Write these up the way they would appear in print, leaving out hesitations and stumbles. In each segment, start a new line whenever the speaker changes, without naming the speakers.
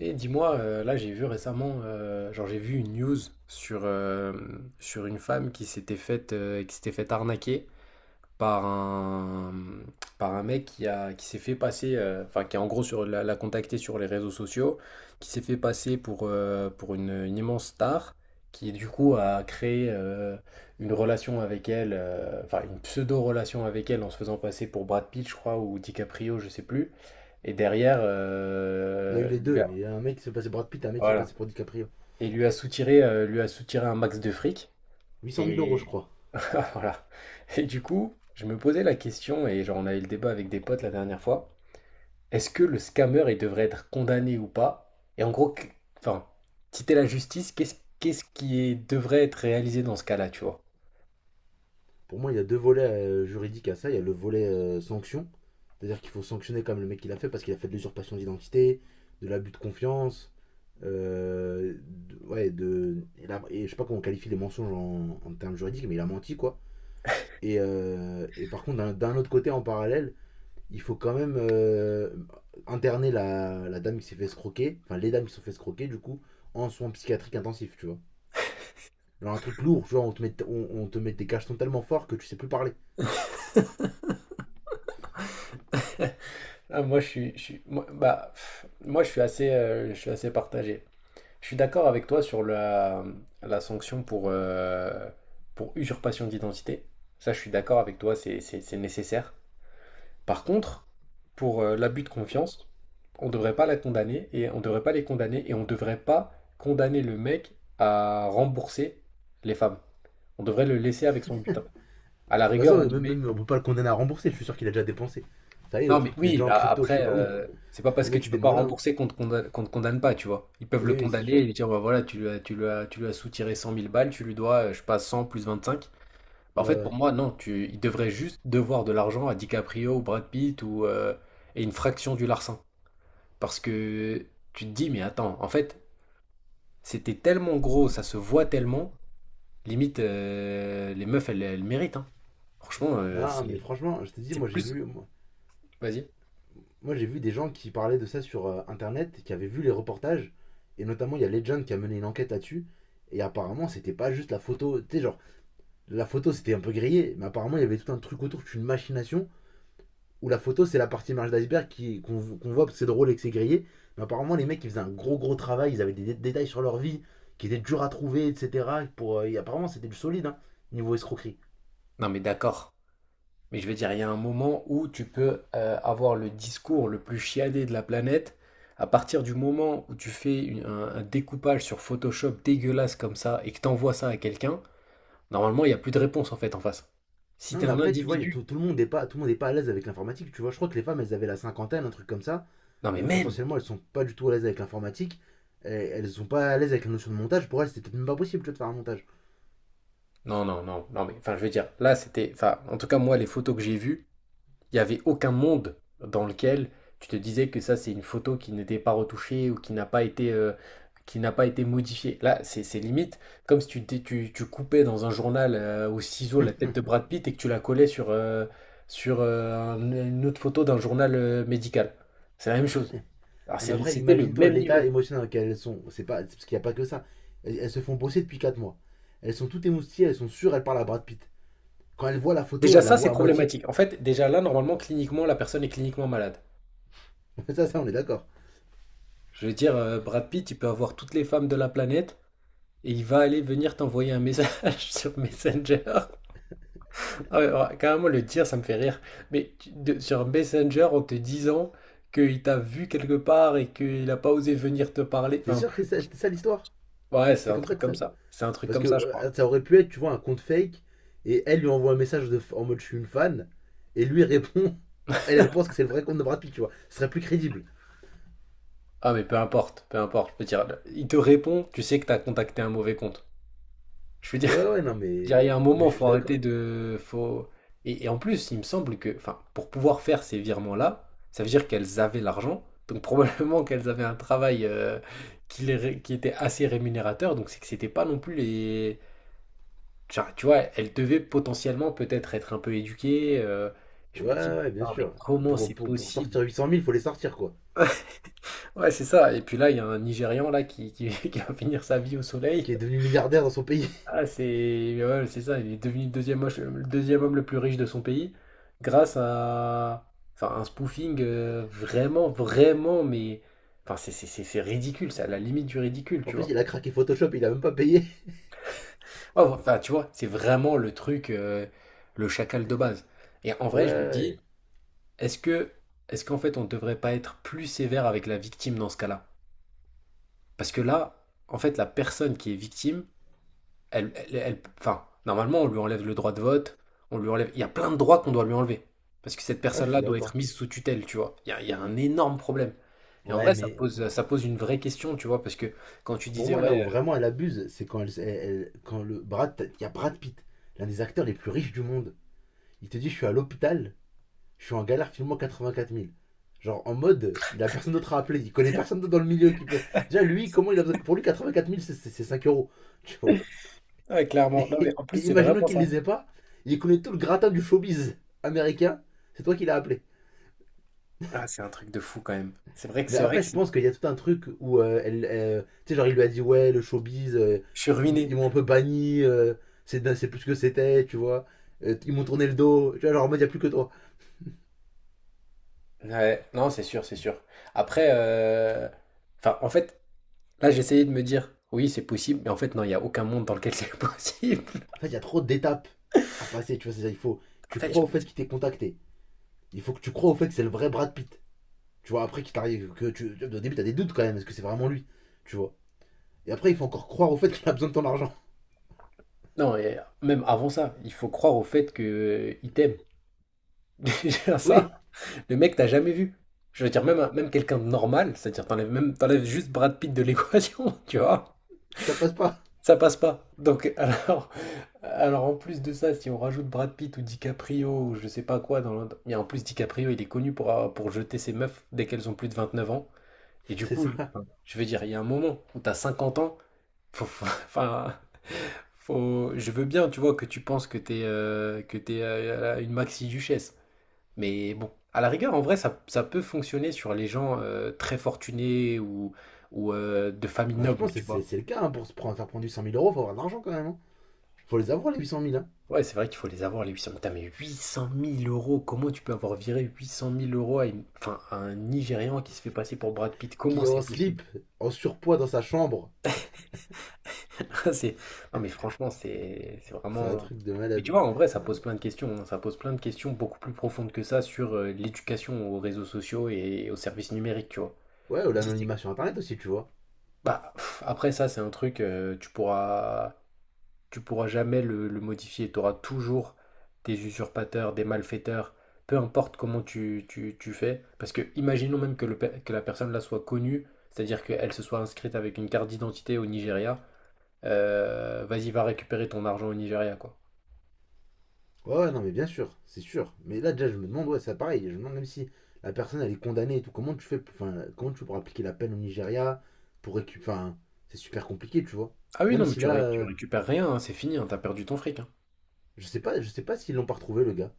Et dis-moi, là j'ai vu récemment, genre j'ai vu une news sur, sur une femme qui s'était faite arnaquer par un par un mec qui s'est fait passer, enfin qui a en gros sur l'a contacté sur les réseaux sociaux, qui s'est fait passer pour une immense star, qui du coup a créé une relation avec elle, enfin une pseudo relation avec elle en se faisant passer pour Brad Pitt, je crois, ou DiCaprio, je sais plus. Et derrière,
Il y a eu les deux. Il y a un mec qui s'est passé pour Brad Pitt, un mec qui s'est
voilà.
passé pour DiCaprio.
Et lui a soutiré un max de fric
Huit cent mille euros, je
et
crois.
voilà. Et du coup, je me posais la question, et genre on a eu le débat avec des potes la dernière fois. Est-ce que le scammer, il devrait être condamné ou pas? Et en gros, qu enfin, si t'es la justice, qu'est-ce qui devrait être réalisé dans ce cas-là, tu vois?
Pour moi, il y a deux volets juridiques à ça. Il y a le volet sanction. C'est-à-dire qu'il faut sanctionner comme le mec qui l'a fait parce qu'il a fait de l'usurpation d'identité, de l'abus de confiance. Euh, de- ouais, de. Et la- et je sais pas comment on qualifie les mensonges en termes juridiques, mais il a menti, quoi. Et par contre, d'un autre côté, en parallèle, il faut quand même interner la dame qui s'est fait escroquer, enfin les dames qui se sont fait escroquer, du coup, en soins psychiatriques intensifs, tu vois. Genre un truc lourd, genre on te met, on te met des cachetons tellement forts que tu sais plus parler. De
Ah, moi, je suis moi, bah, pff, moi, je suis assez partagé. Je suis d'accord avec toi sur la, la sanction pour usurpation d'identité. Ça, je suis d'accord avec toi, c'est nécessaire. Par contre, pour l'abus de confiance, on ne devrait pas la condamner, et on ne devrait pas les condamner, et on ne devrait pas condamner le mec à rembourser les femmes. On devrait le laisser avec son butin. À la
toute
rigueur,
façon,
on lui met.
même, on peut pas le condamner à rembourser, je suis sûr qu'il a déjà dépensé. Ça y est, le
Non, mais
truc, il est
oui,
déjà en
bah
crypto, je sais
après,
pas où.
c'est pas
Les
parce que
mecs,
tu
c'est
peux
des
pas
malins, hein.
rembourser qu'on te condamne pas, tu vois. Ils peuvent le
Oui, oui, c'est
condamner et
sûr.
lui dire, bah voilà, tu lui as soutiré 100 000 balles, tu lui dois, je sais pas, 100 plus 25. Bah, en
Ouais,
fait, pour
ouais.
moi, non, il devrait juste devoir de l'argent à DiCaprio ou Brad Pitt ou, et une fraction du larcin. Parce que tu te dis, mais attends, en fait, c'était tellement gros, ça se voit tellement, limite, les meufs, elles méritent, hein. Franchement,
Non, mais
c'est
franchement, je te dis,
c'est
moi j'ai
plus.
vu, moi,
Vas-y.
moi, j'ai vu des gens qui parlaient de ça sur internet, qui avaient vu les reportages, et notamment il y a Legend qui a mené une enquête là-dessus, et apparemment c'était pas juste la photo, tu sais, genre la photo c'était un peu grillé, mais apparemment il y avait tout un truc autour, une machination, où la photo, c'est la partie marge d'iceberg qu'on voit parce que c'est drôle et que c'est grillé. Mais apparemment, les mecs, ils faisaient un gros, gros travail. Ils avaient des détails sur leur vie qui étaient durs à trouver, etc. Et apparemment, c'était du solide, hein, niveau escroquerie.
Non, mais d'accord. Mais je veux dire, il y a un moment où tu peux avoir le discours le plus chiadé de la planète. À partir du moment où tu fais un découpage sur Photoshop dégueulasse comme ça et que t'envoies ça à quelqu'un, normalement, il n'y a plus de réponse en fait en face. Si
Non,
t'es
mais
un
après, tu vois, y a
individu.
tout, tout le monde n'est pas, tout le monde est pas à l'aise avec l'informatique. Tu vois, je crois que les femmes, elles avaient la cinquantaine, un truc comme ça.
Non, mais même.
Potentiellement, elles sont pas du tout à l'aise avec l'informatique. Elles sont pas à l'aise avec la notion de montage. Pour elles, c'était peut-être même pas possible tu vois, de faire un montage.
Non, non, non, non, mais enfin, je veux dire, là, c'était, enfin, en tout cas, moi, les photos que j'ai vues, il n'y avait aucun monde dans lequel tu te disais que ça, c'est une photo qui n'était pas retouchée ou qui n'a pas été modifiée. Là, c'est limite comme si tu coupais dans un journal au ciseau la tête de Brad Pitt et que tu la collais sur, une autre photo d'un journal médical. C'est la même chose. Alors,
Non, mais après,
c'était le
imagine-toi
même
l'état
niveau.
émotionnel dans lequel elles sont. C'est pas, C'est parce qu'il n'y a pas que ça. Elles, elles se font bosser depuis 4 mois. Elles sont toutes émoustillées, elles sont sûres, elles parlent à Brad Pitt. Quand elles voient la photo,
Déjà,
elles la
ça, c'est
voient à moitié.
problématique. En fait, déjà là, normalement, cliniquement, la personne est cliniquement malade.
Ça, on est d'accord.
Je veux dire, Brad Pitt, il peut avoir toutes les femmes de la planète et il va aller venir t'envoyer un message sur Messenger. Ah, ouais, ouais, carrément, le dire, ça me fait rire. Mais sur Messenger, en te disant qu'il t'a vu quelque part et qu'il n'a pas osé venir te parler.
T'es
Enfin,
sûr que c'est ça, c'était ça l'histoire?
ouais, c'est
C'est
un
comme ça
truc
que ça.
comme ça. C'est un truc
Parce
comme
que
ça, je crois.
ça aurait pu être, tu vois, un compte fake. Et elle lui envoie un message de, en mode je suis une fan. Et lui répond. Alors, elle, elle pense que c'est le vrai compte de Brad Pitt, tu vois. Ce serait plus crédible.
Ah, mais peu importe, peu importe. Je veux dire, il te répond, tu sais que t'as contacté un mauvais compte. Je veux dire.
Ouais, ouais, non,
Je
mais,
dirais, il y a un
mais
moment,
je suis
faut
d'accord.
arrêter de. Faut. Et, en plus, il me semble que, enfin, pour pouvoir faire ces virements-là, ça veut dire qu'elles avaient l'argent. Donc probablement qu'elles avaient un travail qui était assez rémunérateur. Donc c'est que c'était pas non plus les. Genre, tu vois, elles devaient potentiellement peut-être être un peu éduquées. Je me
Ouais,
dis,
ouais, bien
putain, mais
sûr.
comment c'est
Pour
possible?
sortir 800 000, il faut les sortir, quoi.
Ouais, c'est ça. Et puis là, il y a un Nigérian là qui va finir sa vie au
Qui
soleil.
est devenu milliardaire dans son pays.
Ah, c'est mais ouais, c'est ça, il est devenu le deuxième homme le plus riche de son pays grâce à enfin, un spoofing vraiment, vraiment, mais enfin, c'est ridicule, c'est à la limite du ridicule,
En
tu
plus,
vois.
il a craqué Photoshop, il a même pas payé.
Oh. Enfin, tu vois, c'est vraiment le truc, le chacal de base. Et en
Ouais,
vrai, je me dis,
ouais.
est-ce que, est-ce qu'en fait, on ne devrait pas être plus sévère avec la victime dans ce cas-là? Parce que là, en fait, la personne qui est victime, enfin, normalement, on lui enlève le droit de vote, on lui enlève. Il y a plein de droits qu'on doit lui enlever. Parce que cette
Ah, je suis
personne-là doit être
d'accord.
mise sous tutelle, tu vois. Il y a un énorme problème. Et en
Ouais,
vrai,
mais
ça pose une vraie question, tu vois, parce que quand tu
pour
disais,
moi, là où
ouais,
vraiment elle abuse, c'est quand, quand le Brad, il y a Brad Pitt, l'un des acteurs les plus riches du monde. Il te dit, je suis à l'hôpital, je suis en galère, filme-moi 84 000. Genre en mode, il a personne d'autre à appeler, il connaît personne d'autre dans le milieu qui peut. Déjà, lui, comment il a besoin. Pour lui, 84 000, c'est 5 euros, tu
euh,
vois.
ouais, clairement. Non, mais
Et,
en plus,
et
c'est
imaginons
vraiment
qu'il
ça.
les ait pas, il connaît tout le gratin du showbiz américain, c'est toi qui l'as appelé.
Ah, c'est un truc de fou quand même.
Mais
C'est vrai
après,
que
je pense qu'il y a tout un truc où elle, tu sais, genre il lui a dit ouais, le showbiz,
je suis ruiné.
ils m'ont un peu banni, c'est plus ce que c'était, tu vois. Ils m'ont tourné le dos, tu vois, genre en mode il y a plus que toi.
Ouais, non, c'est sûr, c'est sûr. Après, enfin, en fait, là, j'essayais de me dire, oui, c'est possible, mais en fait, non, il n'y a aucun monde dans lequel c'est possible.
En fait, il y a trop d'étapes à passer, tu vois, c'est ça, il faut
En
tu
fait,
crois
je
au
me
fait
dis,
qu'il t'ait contacté. Il faut que tu crois au fait que c'est le vrai Brad Pitt. Tu vois, après qu'il t'arrive que tu au début t'as des doutes quand même, est-ce que c'est vraiment lui, tu vois. Et après, il faut encore croire au fait qu'il a besoin de ton argent.
non, et même avant ça, il faut croire au fait que il t'aime. Déjà
Oui,
ça, le mec t'as jamais vu. Je veux dire, même, même quelqu'un de normal, c'est-à-dire t'enlèves juste Brad Pitt de l'équation, tu vois,
ça passe pas.
ça passe pas. Donc, alors en plus de ça, si on rajoute Brad Pitt ou DiCaprio ou je sais pas quoi mais en plus, DiCaprio, il est connu pour, pour jeter ses meufs dès qu'elles ont plus de 29 ans. Et du
C'est
coup,
ça.
enfin, je veux dire, il y a un moment où t'as 50 ans, enfin, faut. Je veux bien, tu vois, que tu penses que t'es une maxi-duchesse. Mais bon, à la rigueur, en vrai, ça peut fonctionner sur les gens très fortunés ou, de famille
Bah, je
noble,
pense que
tu
c'est
vois.
c'est le cas, hein, pour se prendre, faire prendre du cent mille euros, faut avoir de l'argent quand même, hein. Faut les avoir, les 800 000, hein.
Ouais, c'est vrai qu'il faut les avoir, les 800 000. Putain, mais 800 000 euros, comment tu peux avoir viré 800 000 euros enfin, à un Nigérian qui se fait passer pour Brad Pitt? Comment
Qui est
c'est
en
possible?
slip, en surpoids dans sa chambre.
C'est Non, mais franchement, c'est
C'est un
vraiment
truc de
mais tu
malade.
vois, en vrai, ça
Non.
pose plein de questions, hein. Ça pose plein de questions beaucoup plus profondes que ça sur, l'éducation aux réseaux sociaux et aux services numériques, tu vois?
Ouais, ou
Dis c'est
l'anonymat sur internet aussi, tu vois.
Bah, pff, après ça, c'est un truc, tu pourras jamais le modifier. Tu auras toujours des usurpateurs, des malfaiteurs, peu importe comment tu fais. Parce que imaginons même que le pe que la personne là soit connue, c'est-à-dire qu'elle se soit inscrite avec une carte d'identité au Nigeria. Vas-y, va récupérer ton argent au Nigeria, quoi.
Ouais, ouais, non, mais bien sûr, c'est sûr. Mais là, déjà, je me demande, ouais, c'est pareil. Je me demande même si la personne, elle est condamnée et tout. Comment tu fais, enfin, comment tu pourras appliquer la peine au Nigeria pour récupérer. Enfin, c'est super compliqué, tu vois.
Ah oui, non,
Même
mais
si là,
tu récupères rien, hein, c'est fini, hein, tu perdu ton fric, hein.
je sais pas s'ils l'ont pas retrouvé, le gars.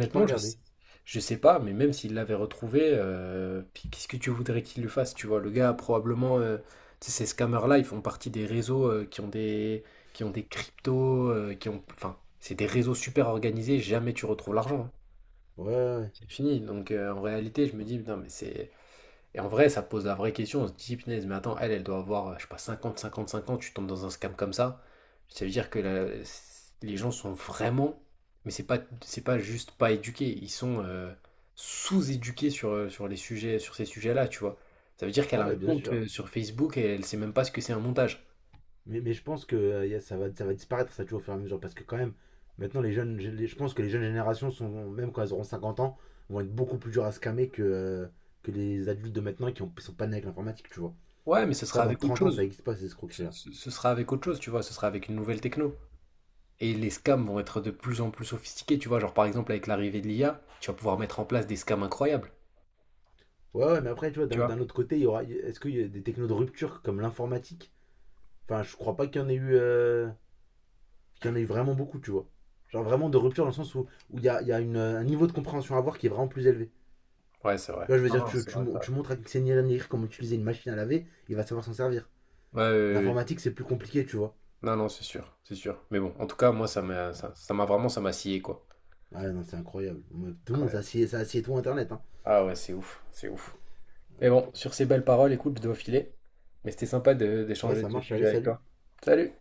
J'ai pas regardé.
je sais pas, mais même s'il l'avait retrouvé, puis qu'est-ce que tu voudrais qu'il lui fasse, tu vois? Le gars, probablement, tu sais, ces scammers-là, ils font partie des réseaux, qui ont des cryptos, qui ont enfin, c'est des réseaux super organisés, jamais tu retrouves l'argent, hein.
Ouais, ouais, ouais.
C'est fini, donc en réalité, je me dis: «Putain, mais c'est et en vrai, ça pose la vraie question, on se dit, punaise, mais attends, elle, doit avoir, je sais pas, 50, 55 ans, tu tombes dans un scam comme ça. Ça veut dire que les gens sont vraiment, mais c'est pas juste pas éduqués, ils sont sous-éduqués sur, sur les sujets, sur ces sujets-là, tu vois. Ça veut dire qu'elle
Ah
a un
ouais, bien
compte
sûr.
sur Facebook et elle sait même pas ce que c'est un montage.
Mais je pense que ça va disparaître, ça, tu vois, au fur et à mesure. Parce que, quand même, maintenant, les jeunes, je pense que les jeunes générations, sont, même quand elles auront 50 ans, vont être beaucoup plus dures à scammer que, que les adultes de maintenant qui ont, sont pas nés avec l'informatique, tu vois.
Ouais, mais ce
Ça,
sera
dans
avec autre
30 ans, ça
chose.
n'existe pas, ces escroqueries-là.
Ce sera avec autre chose, tu vois, ce sera avec une nouvelle techno. Et les scams vont être de plus en plus sophistiqués, tu vois. Genre par exemple avec l'arrivée de l'IA, tu vas pouvoir mettre en place des scams incroyables,
Ouais, ouais, mais après, tu vois,
tu vois.
d'un autre côté, il y aura, est-ce qu'il y a des technos de rupture comme l'informatique. Enfin, je crois pas qu'il y en ait eu vraiment beaucoup, tu vois. Genre vraiment de rupture dans le sens où il y a, un niveau de compréhension à avoir qui est vraiment plus élevé.
Ouais, c'est
Tu
vrai.
vois, je veux
Non,
dire,
non, c'est vrai, c'est vrai.
tu montres à Xenia Negri comment utiliser une machine à laver, il va savoir s'en servir.
Ouais, ouais, ouais, ouais.
L'informatique, c'est plus compliqué, tu vois.
Non, non, c'est sûr, c'est sûr. Mais bon, en tout cas, moi, ça m'a vraiment, ça m'a scié, quoi.
Ah non, c'est incroyable. Tout le monde,
Incroyable.
ça assied tout Internet. Hein.
Ah ouais, c'est ouf, c'est ouf. Mais bon, sur ces belles paroles, écoute, je dois filer. Mais c'était sympa
Ouais,
d'échanger
ça
de ce
marche, allez,
sujet avec
salut.
toi. Salut!